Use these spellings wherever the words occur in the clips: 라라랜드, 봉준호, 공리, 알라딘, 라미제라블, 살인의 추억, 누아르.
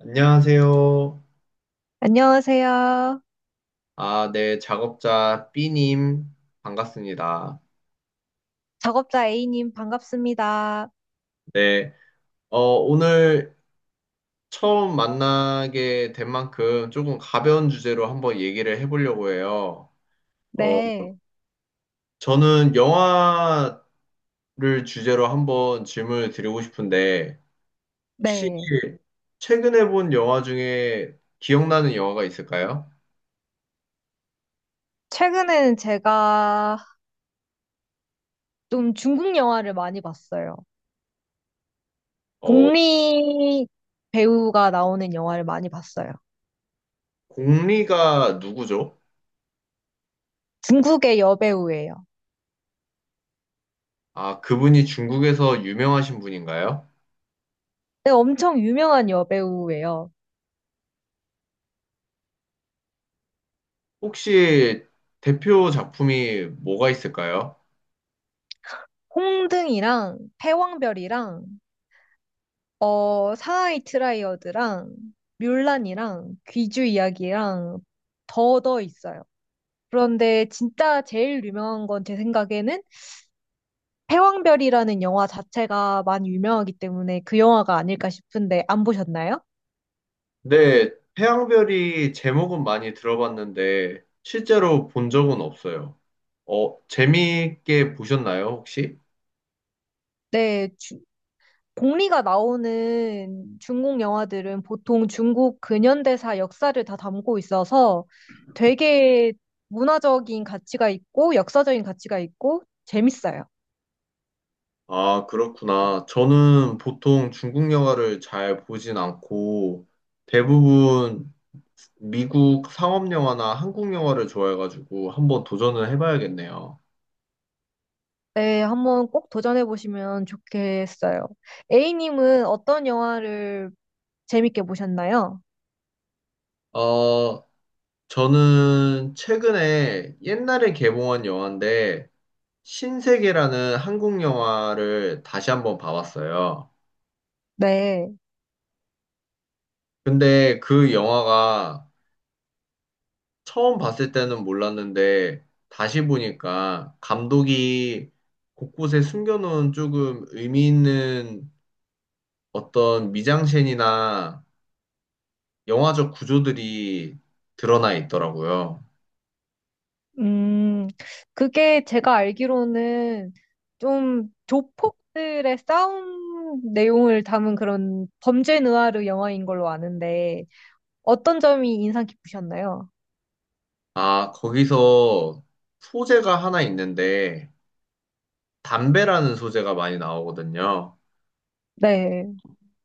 안녕하세요. 안녕하세요. 아, 네, 작업자 B님, 반갑습니다. 작업자 A님 반갑습니다. 네, 오늘 처음 만나게 된 만큼 조금 가벼운 주제로 한번 얘기를 해보려고 해요. 어, 네, 저는 영화를 주제로 한번 질문을 드리고 싶은데, 혹시 네. 최근에 본 영화 중에 기억나는 영화가 있을까요? 최근에는 제가 좀 중국 영화를 많이 봤어요. 어, 공리 배우가 나오는 영화를 많이 봤어요. 공리가 누구죠? 중국의 여배우예요. 아, 그분이 중국에서 유명하신 분인가요? 네, 엄청 유명한 여배우예요. 혹시 대표 작품이 뭐가 있을까요? 홍등이랑 패왕별이랑 상하이 트라이어드랑 뮬란이랑 귀주 이야기랑 더 있어요. 그런데 진짜 제일 유명한 건 제 생각에는 패왕별이라는 영화 자체가 많이 유명하기 때문에 그 영화가 아닐까 싶은데 안 보셨나요? 네, 태양별이 제목은 많이 들어봤는데 실제로 본 적은 없어요. 재미있게 보셨나요, 혹시? 네, 공리가 나오는 중국 영화들은 보통 중국 근현대사 역사를 다 담고 있어서 되게 문화적인 가치가 있고 역사적인 가치가 있고 재밌어요. 아, 그렇구나. 저는 보통 중국 영화를 잘 보진 않고 대부분 미국 상업 영화나 한국 영화를 좋아해가지고 한번 도전을 해봐야겠네요. 네, 한번 꼭 도전해 보시면 좋겠어요. A님은 어떤 영화를 재밌게 보셨나요? 어, 저는 최근에 옛날에 개봉한 영화인데 신세계라는 한국 영화를 다시 한번 봐봤어요. 네. 근데 그 영화가 처음 봤을 때는 몰랐는데 다시 보니까 감독이 곳곳에 숨겨놓은 조금 의미 있는 어떤 미장센이나 영화적 구조들이 드러나 있더라고요. 음, 그게 제가 알기로는 좀 조폭들의 싸움 내용을 담은 그런 범죄 느와르 영화인 걸로 아는데 어떤 점이 인상 깊으셨나요? 아, 거기서 소재가 하나 있는데 담배라는 소재가 많이 나오거든요. 네,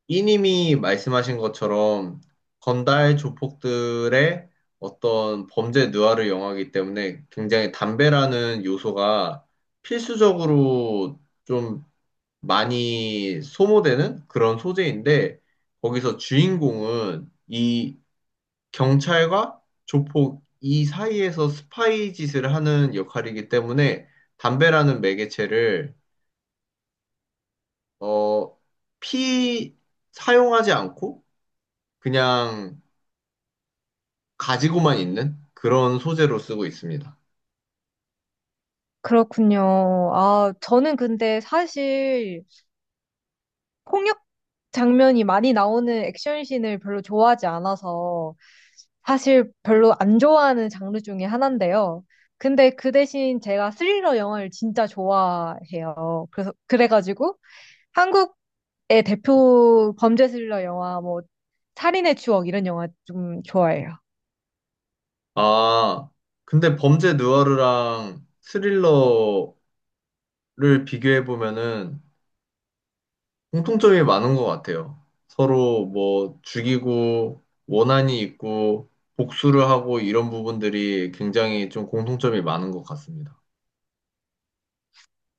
이님이 말씀하신 것처럼 건달 조폭들의 어떤 범죄 누아르 영화이기 때문에 굉장히 담배라는 요소가 필수적으로 좀 많이 소모되는 그런 소재인데 거기서 주인공은 이 경찰과 조폭 이 사이에서 스파이 짓을 하는 역할이기 때문에 담배라는 매개체를 어, 피 사용하지 않고 그냥 가지고만 있는 그런 소재로 쓰고 있습니다. 그렇군요. 아, 저는 근데 사실 폭력 장면이 많이 나오는 액션씬을 별로 좋아하지 않아서 사실 별로 안 좋아하는 장르 중에 하나인데요. 근데 그 대신 제가 스릴러 영화를 진짜 좋아해요. 그래서 그래가지고 한국의 대표 범죄 스릴러 영화 뭐 살인의 추억 이런 영화 좀 좋아해요. 아, 근데 범죄 누아르랑 스릴러를 비교해 보면은 공통점이 많은 것 같아요. 서로 뭐 죽이고 원한이 있고 복수를 하고 이런 부분들이 굉장히 좀 공통점이 많은 것 같습니다.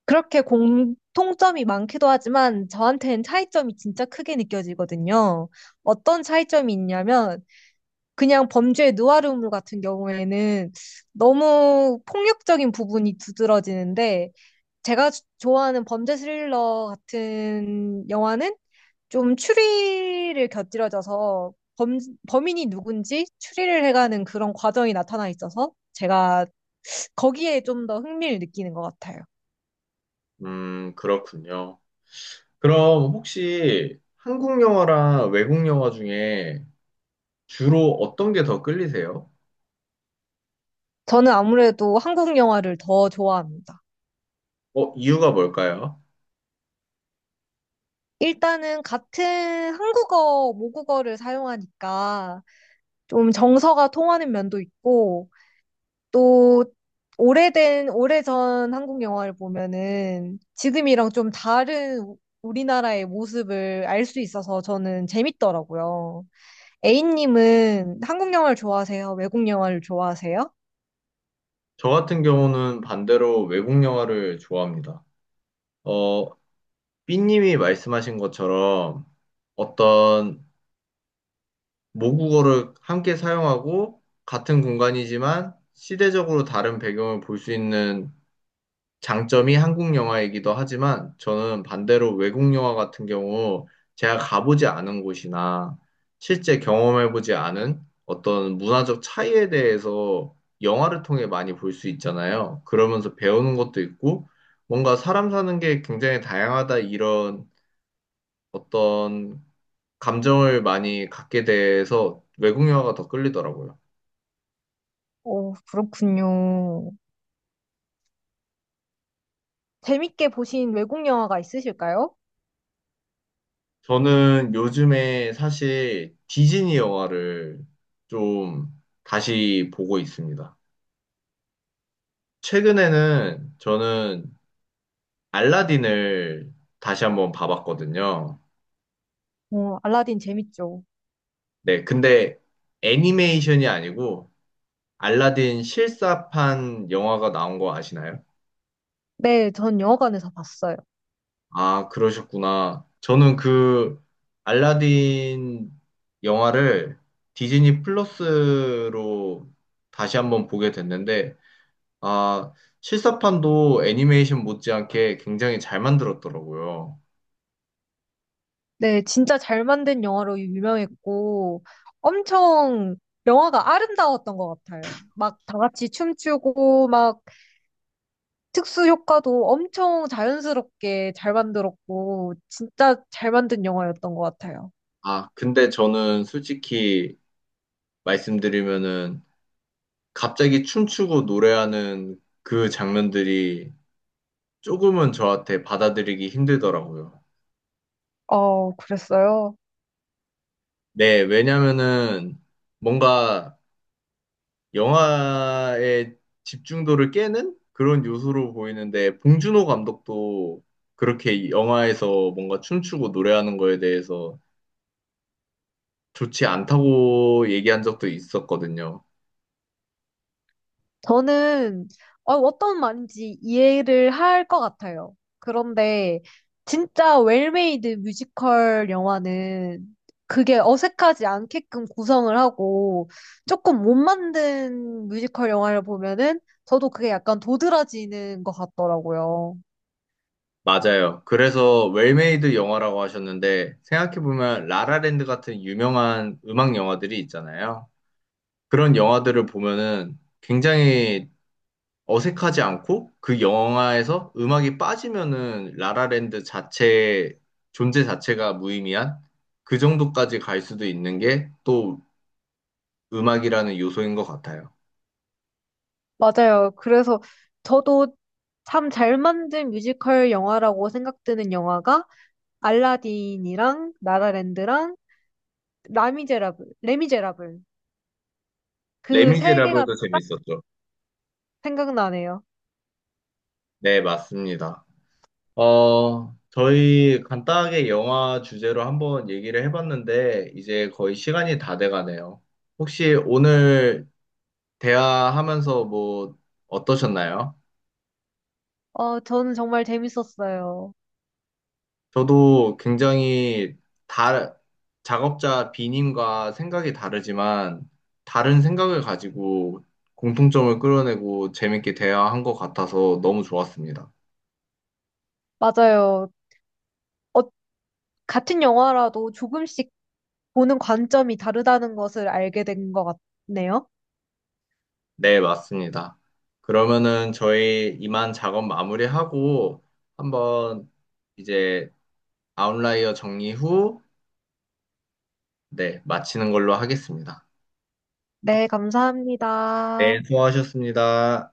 그렇게 공통점이 많기도 하지만 저한테는 차이점이 진짜 크게 느껴지거든요. 어떤 차이점이 있냐면 그냥 범죄의 누아르물 같은 경우에는 너무 폭력적인 부분이 두드러지는데 제가 좋아하는 범죄 스릴러 같은 영화는 좀 추리를 곁들여져서 범인이 누군지 추리를 해가는 그런 과정이 나타나 있어서 제가 거기에 좀 더 흥미를 느끼는 것 같아요. 그렇군요. 그럼 혹시 한국 영화랑 외국 영화 중에 주로 어떤 게 더 끌리세요? 저는 아무래도 한국 영화를 더 좋아합니다. 이유가 뭘까요? 일단은 같은 한국어, 모국어를 사용하니까 좀 정서가 통하는 면도 있고, 또 오래된, 오래전 한국 영화를 보면은 지금이랑 좀 다른 우리나라의 모습을 알 수 있어서 저는 재밌더라고요. A님은 한국 영화를 좋아하세요? 외국 영화를 좋아하세요? 저 같은 경우는 반대로 외국 영화를 좋아합니다. 어, 삐님이 말씀하신 것처럼 어떤 모국어를 함께 사용하고 같은 공간이지만 시대적으로 다른 배경을 볼 수 있는 장점이 한국 영화이기도 하지만 저는 반대로 외국 영화 같은 경우 제가 가보지 않은 곳이나 실제 경험해보지 않은 어떤 문화적 차이에 대해서 영화를 통해 많이 볼 수 있잖아요. 그러면서 배우는 것도 있고 뭔가 사람 사는 게 굉장히 다양하다 이런 어떤 감정을 많이 갖게 돼서 외국 영화가 더 끌리더라고요. 오, 그렇군요. 재밌게 보신 외국 영화가 있으실까요? 저는 요즘에 사실 디즈니 영화를 좀 다시 보고 있습니다. 최근에는 저는 알라딘을 다시 한번 봐봤거든요. 오, 알라딘 재밌죠. 네, 근데 애니메이션이 아니고 알라딘 실사판 영화가 나온 거 아시나요? 네, 전 영화관에서 봤어요. 아, 그러셨구나. 저는 그 알라딘 영화를 디즈니 플러스로 다시 한번 보게 됐는데 아, 실사판도 애니메이션 못지않게 굉장히 잘 만들었더라고요. 네, 진짜 잘 만든 영화로 유명했고, 엄청 영화가 아름다웠던 것 같아요. 막 다 같이 춤추고, 막 특수 효과도 엄청 자연스럽게 잘 만들었고, 진짜 잘 만든 영화였던 것 같아요. 아, 근데 저는 솔직히 말씀드리면은 갑자기 춤추고 노래하는 그 장면들이 조금은 저한테 받아들이기 힘들더라고요. 어, 그랬어요? 네, 왜냐면은 뭔가 영화의 집중도를 깨는 그런 요소로 보이는데 봉준호 감독도 그렇게 영화에서 뭔가 춤추고 노래하는 거에 대해서 좋지 않다고 얘기한 적도 있었거든요. 저는 어떤 말인지 이해를 할 것 같아요. 그런데 진짜 웰메이드 뮤지컬 영화는 그게 어색하지 않게끔 구성을 하고 조금 못 만든 뮤지컬 영화를 보면은 저도 그게 약간 도드라지는 것 같더라고요. 맞아요. 그래서 웰메이드 영화라고 하셨는데 생각해보면 라라랜드 같은 유명한 음악 영화들이 있잖아요. 그런 영화들을 보면은 굉장히 어색하지 않고 그 영화에서 음악이 빠지면은 라라랜드 자체 존재 자체가 무의미한 그 정도까지 갈 수도 있는 게 또 음악이라는 요소인 것 같아요. 맞아요. 그래서 저도 참 잘 만든 뮤지컬 영화라고 생각드는 영화가 알라딘이랑 나라랜드랑 라미제라블, 레미제라블 그 세 개가 레미제라블도 재밌었죠. 생각나네요. 네, 맞습니다. 저희 간단하게 영화 주제로 한번 얘기를 해봤는데, 이제 거의 시간이 다 돼가네요. 혹시 오늘 대화하면서 뭐 어떠셨나요? 어, 저는 정말 재밌었어요. 저도 굉장히 다, 작업자 B님과 생각이 다르지만, 다른 생각을 가지고 공통점을 끌어내고 재밌게 대화한 것 같아서 너무 좋았습니다. 맞아요. 어, 같은 영화라도 조금씩 보는 관점이 다르다는 것을 알게 된 것 같네요. 네, 맞습니다. 그러면은 저희 이만 작업 마무리하고 한번 이제 아웃라이어 정리 후, 네, 마치는 걸로 하겠습니다. 네, 네, 감사합니다. 수고하셨습니다.